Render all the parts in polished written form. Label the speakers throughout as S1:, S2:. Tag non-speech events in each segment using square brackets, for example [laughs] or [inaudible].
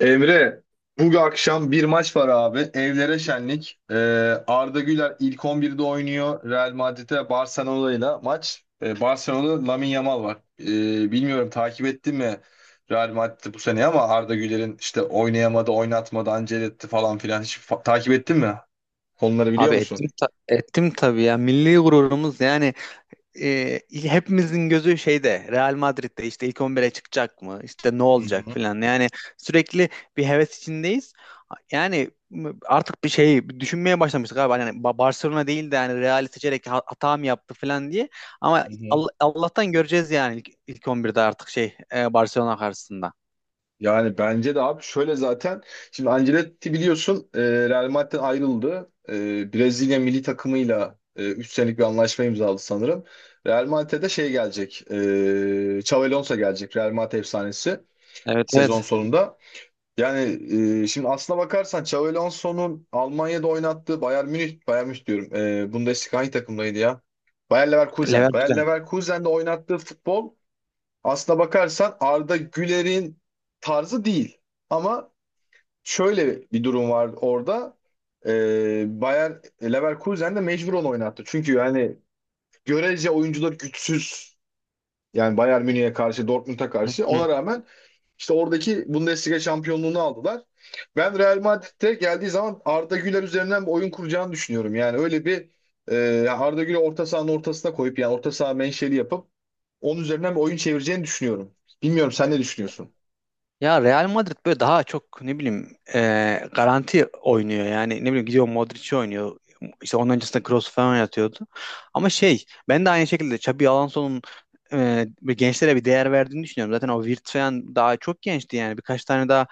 S1: Emre, bu akşam bir maç var abi. Evlere şenlik. Arda Güler ilk 11'de oynuyor. Real Madrid'e Barcelona'yla maç. Barcelona'da Lamine Yamal var. Bilmiyorum takip ettin mi Real Madrid'i bu sene ama Arda Güler'in işte oynayamadı, oynatmadı, ancel etti falan filan. Hiç takip ettin mi? Konuları biliyor
S2: Abi
S1: musun?
S2: ettim tabii ya. Milli gururumuz yani. Hepimizin gözü Real Madrid'de, işte ilk 11'e çıkacak mı? İşte ne
S1: Hı
S2: olacak
S1: hı.
S2: filan. Yani sürekli bir heves içindeyiz. Yani artık bir şey düşünmeye başlamıştık abi. Hani Barcelona değil de, yani Real'i seçerek hata mı yaptı filan diye. Ama
S1: Hı hı.
S2: Allah'tan göreceğiz, yani ilk 11'de artık Barcelona karşısında.
S1: Yani bence de abi şöyle zaten şimdi Ancelotti biliyorsun Real Madrid'den ayrıldı. Brezilya milli takımıyla 3 senelik bir anlaşma imzaladı sanırım. Real Madrid'e de şey gelecek. Xabi Alonso gelecek. Real Madrid efsanesi
S2: Evet,
S1: sezon
S2: evet.
S1: sonunda. Yani şimdi aslına bakarsan Xabi Alonso'nun Almanya'da oynattığı Bayern Münih, Bayern Münih diyorum. Bundesliga hangi takımdaydı ya? Bayer Leverkusen. Bayer
S2: Leverkusen.
S1: Leverkusen'de oynattığı futbol, aslına bakarsan Arda Güler'in tarzı değil. Ama şöyle bir durum var orada. Bayer Leverkusen de mecbur onu oynattı. Çünkü yani görece oyuncular güçsüz. Yani Bayern Münih'e karşı, Dortmund'a karşı.
S2: Hı.
S1: Ona rağmen işte oradaki Bundesliga şampiyonluğunu aldılar. Ben Real Madrid'de geldiği zaman Arda Güler üzerinden bir oyun kuracağını düşünüyorum. Yani öyle bir Arda Güler orta sahanın ortasına koyup yani orta saha menşeli yapıp onun üzerinden bir oyun çevireceğini düşünüyorum. Bilmiyorum sen ne düşünüyorsun?
S2: Ya Real Madrid böyle daha çok ne bileyim, garanti oynuyor, yani ne bileyim gidiyor Modric'i oynuyor. İşte onun öncesinde Kroos falan yatıyordu, ama şey, ben de aynı şekilde Xabi Alonso'nun bir gençlere bir değer verdiğini düşünüyorum. Zaten o Wirtz falan daha çok gençti, yani birkaç tane daha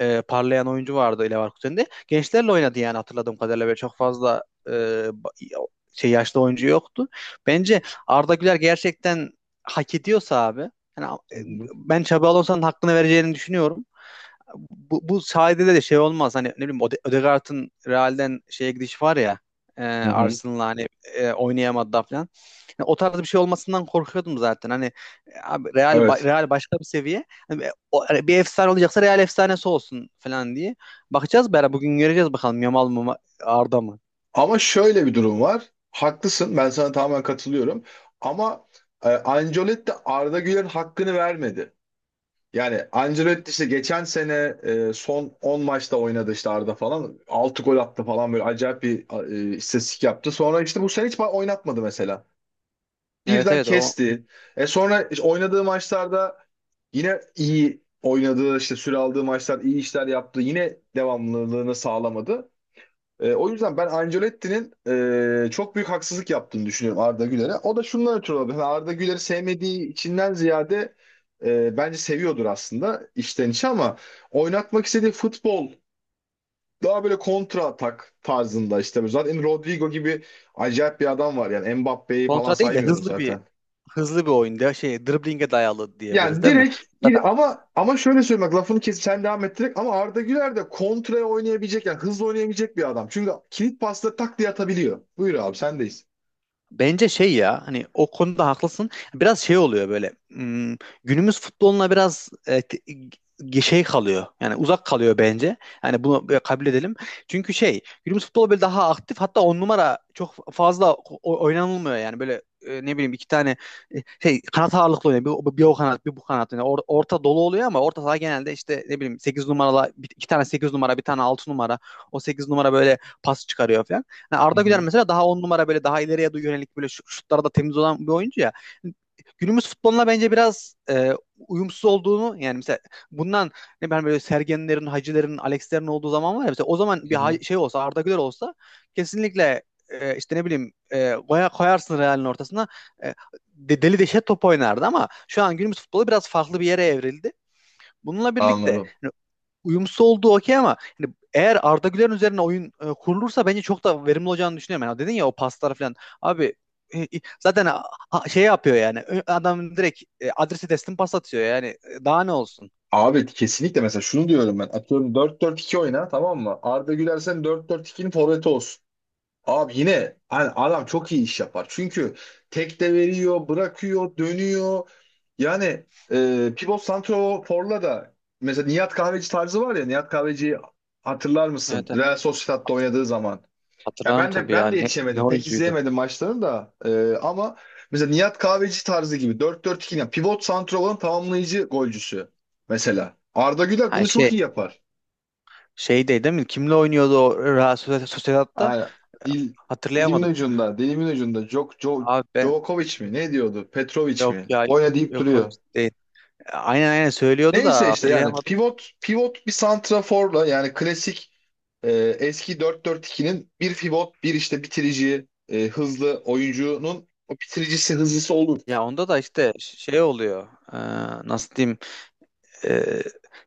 S2: parlayan oyuncu vardı. Leverkusen'de gençlerle oynadı, yani hatırladığım kadarıyla böyle çok fazla yaşlı oyuncu yoktu. Bence Arda Güler gerçekten hak ediyorsa abi, yani,
S1: Hı hı.
S2: ben Xabi Alonso'nun hakkını vereceğini düşünüyorum. Bu sayede de şey olmaz. Hani, ne bileyim, Odegaard'ın Real'den şeye gidişi var ya,
S1: Hı hı.
S2: Arsenal'la hani oynayamadı da falan. Yani o tarz bir şey olmasından korkuyordum zaten. Hani, abi Real
S1: Evet.
S2: Real başka bir seviye. Hani, bir efsane olacaksa Real efsanesi olsun falan diye. Bakacağız beraber, bugün göreceğiz bakalım, Yamal mı Arda mı?
S1: Ama şöyle bir durum var. Haklısın. Ben sana tamamen katılıyorum. Ama Ancelotti Arda Güler'in hakkını vermedi. Yani Ancelotti işte geçen sene son 10 maçta oynadı işte Arda falan. Altı gol attı falan böyle acayip bir istatistik yaptı. Sonra işte bu sene hiç oynatmadı mesela.
S2: Evet,
S1: Birden
S2: evet. O
S1: kesti. Sonra işte oynadığı maçlarda yine iyi oynadığı işte süre aldığı maçlar iyi işler yaptı. Yine devamlılığını sağlamadı. O yüzden ben Ancelotti'nin çok büyük haksızlık yaptığını düşünüyorum Arda Güler'e. O da şundan ötürü olabilir. Yani Arda Güler'i sevmediği içinden ziyade bence seviyordur aslında içten içe ama oynatmak istediği futbol daha böyle kontra atak tarzında işte. Zaten Rodrigo gibi acayip bir adam var yani Mbappe'yi falan
S2: kontra değil de
S1: saymıyorum
S2: hızlı bir,
S1: zaten.
S2: hızlı bir oyunda driblinge dayalı diyebiliriz
S1: Yani
S2: değil mi?
S1: direkt
S2: Zaten
S1: gir ama şöyle söyleyeyim bak lafını kesip sen devam et direkt ama Arda Güler de kontraya oynayabilecek yani hızlı oynayabilecek bir adam. Çünkü kilit pasla tak diye atabiliyor. Buyur abi sendeyiz.
S2: bence şey, ya hani, o konuda haklısın. Biraz şey oluyor böyle, günümüz futboluna biraz kalıyor. Yani uzak kalıyor bence. Yani bunu böyle kabul edelim. Çünkü şey, günümüz futbolu böyle daha aktif, hatta 10 numara çok fazla oynanılmıyor, yani böyle ne bileyim iki tane e, kanat ağırlıklı oynuyor. Bir o kanat, bir bu kanat, yani orta dolu oluyor, ama orta saha genelde işte ne bileyim 8 numaralı, iki tane 8 numara, bir tane 6 numara. O 8 numara böyle pas çıkarıyor falan. Yani
S1: Hı
S2: Arda Güler
S1: hı,
S2: mesela daha 10 numara, böyle daha ileriye doğru yönelik, böyle şutlarda temiz olan bir oyuncu ya. Günümüz futboluna bence biraz uyumsuz olduğunu, yani mesela bundan, ne ben, böyle Sergenlerin, Hacilerin, Alexlerin olduğu zaman var ya, mesela o zaman bir
S1: hı hı.
S2: olsa, Arda Güler olsa kesinlikle işte ne bileyim koyarsın Real'in ortasına, e, deli deşe top oynardı. Ama şu an günümüz futbolu biraz farklı bir yere evrildi. Bununla birlikte
S1: Anladım.
S2: hani uyumsuz olduğu okey, ama hani eğer Arda Güler'in üzerine oyun kurulursa, bence çok da verimli olacağını düşünüyorum. Yani dedin ya, o paslar falan. Abi e, e, zaten yapıyor yani. Adam direkt adresi teslim pas atıyor yani. Daha ne olsun?
S1: Abi kesinlikle mesela şunu diyorum ben. Atıyorum 4-4-2 oyna tamam mı? Arda Güler sen 4-4-2'nin forveti olsun. Abi yine hani adam çok iyi iş yapar. Çünkü tek de veriyor, bırakıyor, dönüyor. Yani pivot santroforla da mesela Nihat Kahveci tarzı var ya. Nihat Kahveci hatırlar mısın?
S2: Evet, evet.
S1: Real Sociedad'da
S2: Hat-
S1: oynadığı zaman. Ya
S2: Hatırlarım
S1: ben de
S2: tabii ya.
S1: ben de
S2: Ne
S1: yetişemedim. Pek
S2: oyuncuydu?
S1: izleyemedim maçlarını da. Ama mesela Nihat Kahveci tarzı gibi 4-4-2 yani pivot santraforun tamamlayıcı golcüsü mesela. Arda Güler
S2: Ha,
S1: bunu çok iyi yapar.
S2: şeydeydi değil mi? Kimle oynuyordu o Real Sociedad'da?
S1: Yani dil dilimin
S2: Hatırlayamadım.
S1: ucunda, dilimin ucunda.
S2: Abi ben,
S1: Djokovic mi? Ne diyordu? Petrovic
S2: yok
S1: mi?
S2: ya,
S1: Boyna deyip
S2: yok, o
S1: duruyor.
S2: değil. Aynen, aynen söylüyordu
S1: Neyse
S2: da
S1: işte yani
S2: hatırlayamadım.
S1: pivot bir santraforla yani klasik e, eski 4-4-2'nin bir pivot, bir işte bitirici, hızlı oyuncunun o bitiricisi, hızlısı olur.
S2: Ya onda da işte oluyor. Ee, nasıl diyeyim? Ee,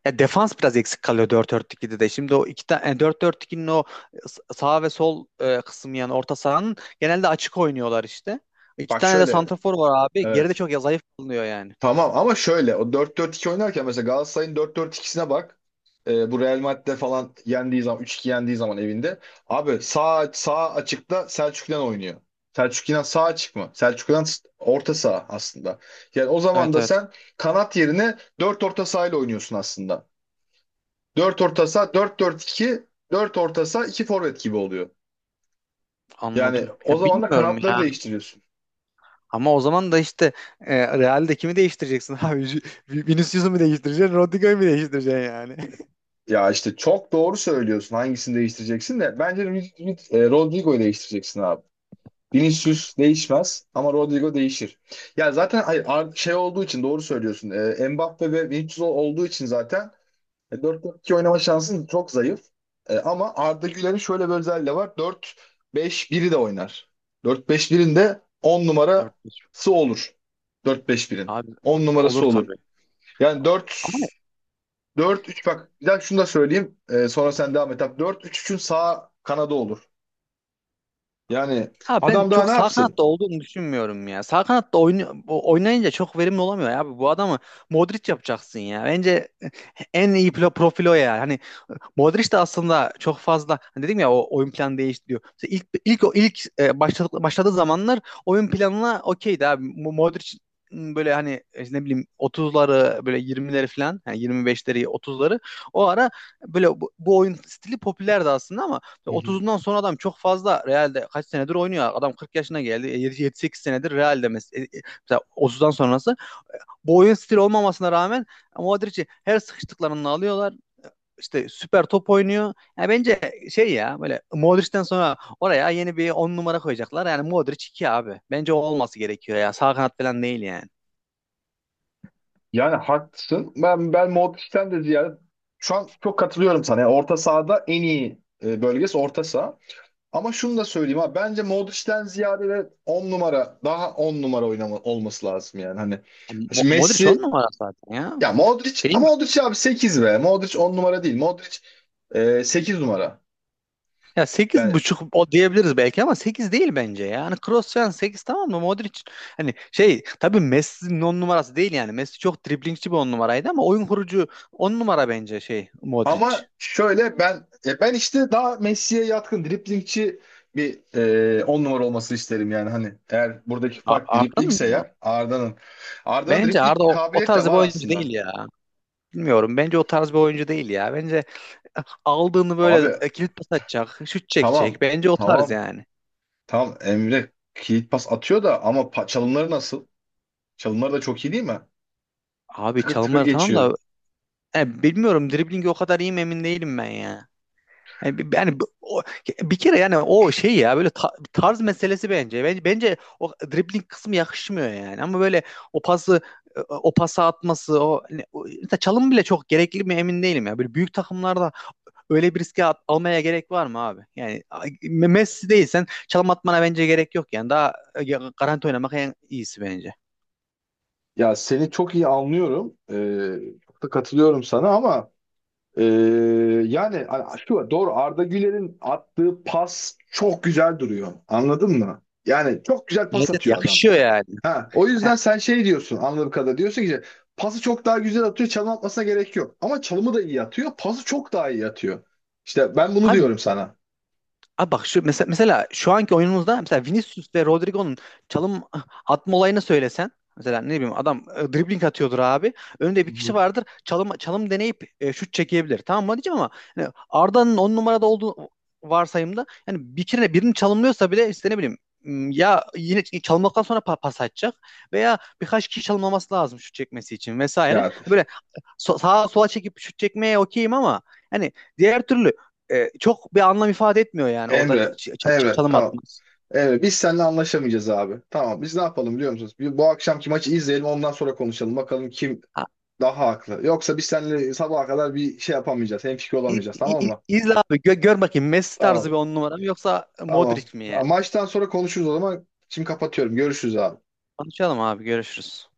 S2: ya defans biraz eksik kalıyor dört dört 2'de de. Şimdi o iki tane dört dört iki'nin o sağ ve sol kısmı, yani orta sahanın genelde açık oynuyorlar işte. İki
S1: Bak
S2: tane de
S1: şöyle,
S2: santrafor var abi. Geride
S1: evet.
S2: çok, ya zayıf kalınıyor yani.
S1: Tamam ama şöyle o 4-4-2 oynarken mesela Galatasaray'ın 4-4-2'sine bak. Bu Real Madrid'de falan yendiği zaman üç 2 yendiği zaman evinde. Abi sağ açıkta Selçuk İnan oynuyor. Selçuk İnan sağ açık mı? Selçuk İnan orta saha aslında. Yani o zaman
S2: Evet,
S1: da
S2: evet,
S1: sen kanat yerine 4 orta saha ile oynuyorsun aslında. 4 orta saha 4-4-2, dört orta saha 2 forvet gibi oluyor. Yani
S2: anladım.
S1: o
S2: Ya
S1: zaman da
S2: bilmiyorum
S1: kanatları
S2: ya.
S1: değiştiriyorsun.
S2: Ama o zaman da işte Real'de kimi değiştireceksin abi? Vinicius'u mu değiştireceksin? Rodrigo'yu mu değiştireceksin yani? [laughs]
S1: Ya işte çok doğru söylüyorsun. Hangisini değiştireceksin de. Bence Rodrigo'yu değiştireceksin abi. Vinicius değişmez ama Rodrigo değişir. Ya zaten hayır, şey olduğu için doğru söylüyorsun. Mbappe ve Vinicius olduğu için zaten 4-4-2 oynama şansın çok zayıf. Ama Arda Güler'in şöyle bir özelliği de var. 4-5-1'i de oynar. 4-5-1'in de 10
S2: Dört 5.
S1: numarası olur. 4-5-1'in.
S2: Abi,
S1: 10
S2: olur
S1: numarası olur.
S2: tabii.
S1: Yani 4
S2: Ama
S1: dört üç, bak bir dakika şunu da söyleyeyim. Sonra sen devam et abi. 4-3-3'ün sağ kanadı olur. Yani
S2: ya, ben
S1: adam daha
S2: çok
S1: ne
S2: sağ
S1: yapsın?
S2: kanatta olduğunu düşünmüyorum ya. Sağ kanatta oynayınca çok verimli olamıyor ya. Bu adamı Modric yapacaksın ya. Bence en iyi profil o ya. Hani Modric de aslında çok fazla, hani dedim ya, o oyun planı değiştiriyor. Mesela ilk o ilk başladığı zamanlar oyun planına okeydi abi. Modric, böyle hani ne bileyim 30'ları böyle 20'leri falan, yani 25'leri 30'ları, o ara böyle bu oyun stili popülerdi aslında. Ama
S1: Hı hı.
S2: 30'undan sonra adam çok fazla Real'de kaç senedir oynuyor. Adam 40 yaşına geldi. 7-8 senedir Real'de mesela 30'dan sonrası bu oyun stili olmamasına rağmen Modric'i her sıkıştıklarında alıyorlar, işte süper top oynuyor. Yani bence böyle Modric'ten sonra oraya yeni bir 10 numara koyacaklar. Yani Modric 2 abi. Bence o olması gerekiyor ya. Sağ kanat falan değil yani.
S1: Yani haklısın. Ben Modric'ten de ziyade şu an çok katılıyorum sana. Yani orta sahada en iyi bölgesi orta saha. Ama şunu da söyleyeyim abi. Bence Modric'ten ziyade de 10 numara daha 10 numara oynama, olması lazım yani. Hani şimdi
S2: Modric 10
S1: Messi
S2: numara zaten ya.
S1: ya Modric
S2: Değil
S1: ama
S2: mi?
S1: Modric abi 8 be. Modric 10 numara değil. Modric 8 numara.
S2: Ya sekiz
S1: Yani
S2: buçuk o diyebiliriz belki, ama 8 değil bence ya. Yani Kroos falan sekiz, tamam mı? Modric, hani, tabii Messi'nin 10 numarası değil yani. Messi çok driblingçi bir 10 numaraydı, ama oyun kurucu 10 numara bence Modric.
S1: ama şöyle ben işte daha Messi'ye yatkın driblingçi bir 10 numara olması isterim yani hani eğer buradaki fark
S2: Arda'nın
S1: driblingse
S2: mı?
S1: eğer Arda'nın
S2: Bence
S1: dribling
S2: Arda o
S1: kabiliyeti de
S2: tarz bir
S1: var
S2: oyuncu
S1: aslında.
S2: değil ya. Bilmiyorum. Bence o tarz bir oyuncu değil ya. Bence aldığını
S1: Abi
S2: böyle, kilit pas atacak, şut
S1: tamam
S2: çekecek. Bence o tarz
S1: tamam
S2: yani.
S1: tamam Emre kilit pas atıyor da ama çalımları nasıl? Çalımları da çok iyi değil mi?
S2: Abi
S1: Tıkır tıkır
S2: çalımları tamam da
S1: geçiyor.
S2: bilmiyorum driblingi o kadar iyi mi emin değilim ben ya. Yani, bir kere, yani o tarz meselesi bence. Bence o dribling kısmı yakışmıyor yani. Ama böyle o pası o pası atması, mesela, çalım bile çok gerekli mi emin değilim ya. Böyle büyük takımlarda, öyle bir riske almaya gerek var mı abi? Yani Messi değilsen çalım atmana bence gerek yok yani. Daha garanti oynamak en iyisi bence.
S1: Ya seni çok iyi anlıyorum. Çok da katılıyorum sana ama Ee, yani şu doğru, Arda Güler'in attığı pas çok güzel duruyor. Anladın mı? Yani çok güzel
S2: Evet,
S1: pas
S2: evet,
S1: atıyor adam.
S2: yakışıyor yani.
S1: Ha, o
S2: Ha,
S1: yüzden sen şey diyorsun anladığım kadarıyla, diyorsun ki pası çok daha güzel atıyor, çalım atmasına gerek yok. Ama çalımı da iyi atıyor, pası çok daha iyi atıyor. İşte ben bunu
S2: Abi
S1: diyorum sana.
S2: Abi bak şu mesela, şu anki oyunumuzda mesela Vinicius ve Rodrigo'nun çalım atma olayını söylesen, mesela ne bileyim adam dribbling atıyordur abi. Önünde
S1: Hı
S2: bir kişi
S1: hı.
S2: vardır. Çalım çalım deneyip şut çekebilir, tamam mı diyeceğim. Ama yani Arda'nın 10 numarada olduğu varsayımda, yani bir kere birini çalımlıyorsa bile işte ne bileyim, ya yine çalımladıktan sonra pas atacak, veya birkaç kişi çalımlaması lazım şut çekmesi için vesaire.
S1: Ya
S2: Böyle sağa sola çekip şut çekmeye okeyim, ama yani diğer türlü çok bir anlam ifade etmiyor yani, orada
S1: Emre Emre
S2: çalım
S1: tamam.
S2: atmaz.
S1: Emre biz seninle anlaşamayacağız abi. Tamam, biz ne yapalım biliyor musunuz? Bu akşamki maçı izleyelim, ondan sonra konuşalım. Bakalım kim
S2: Ha,
S1: daha haklı. Yoksa biz seninle sabaha kadar bir şey yapamayacağız. Hemfikir olamayacağız. Tamam mı?
S2: izle abi, gör bakayım, Messi tarzı bir
S1: Tamam.
S2: 10 numara mı yoksa
S1: Tamam.
S2: Modric mi yani?
S1: Ha, maçtan sonra konuşuruz o zaman. Şimdi kapatıyorum. Görüşürüz abi.
S2: Konuşalım abi, görüşürüz.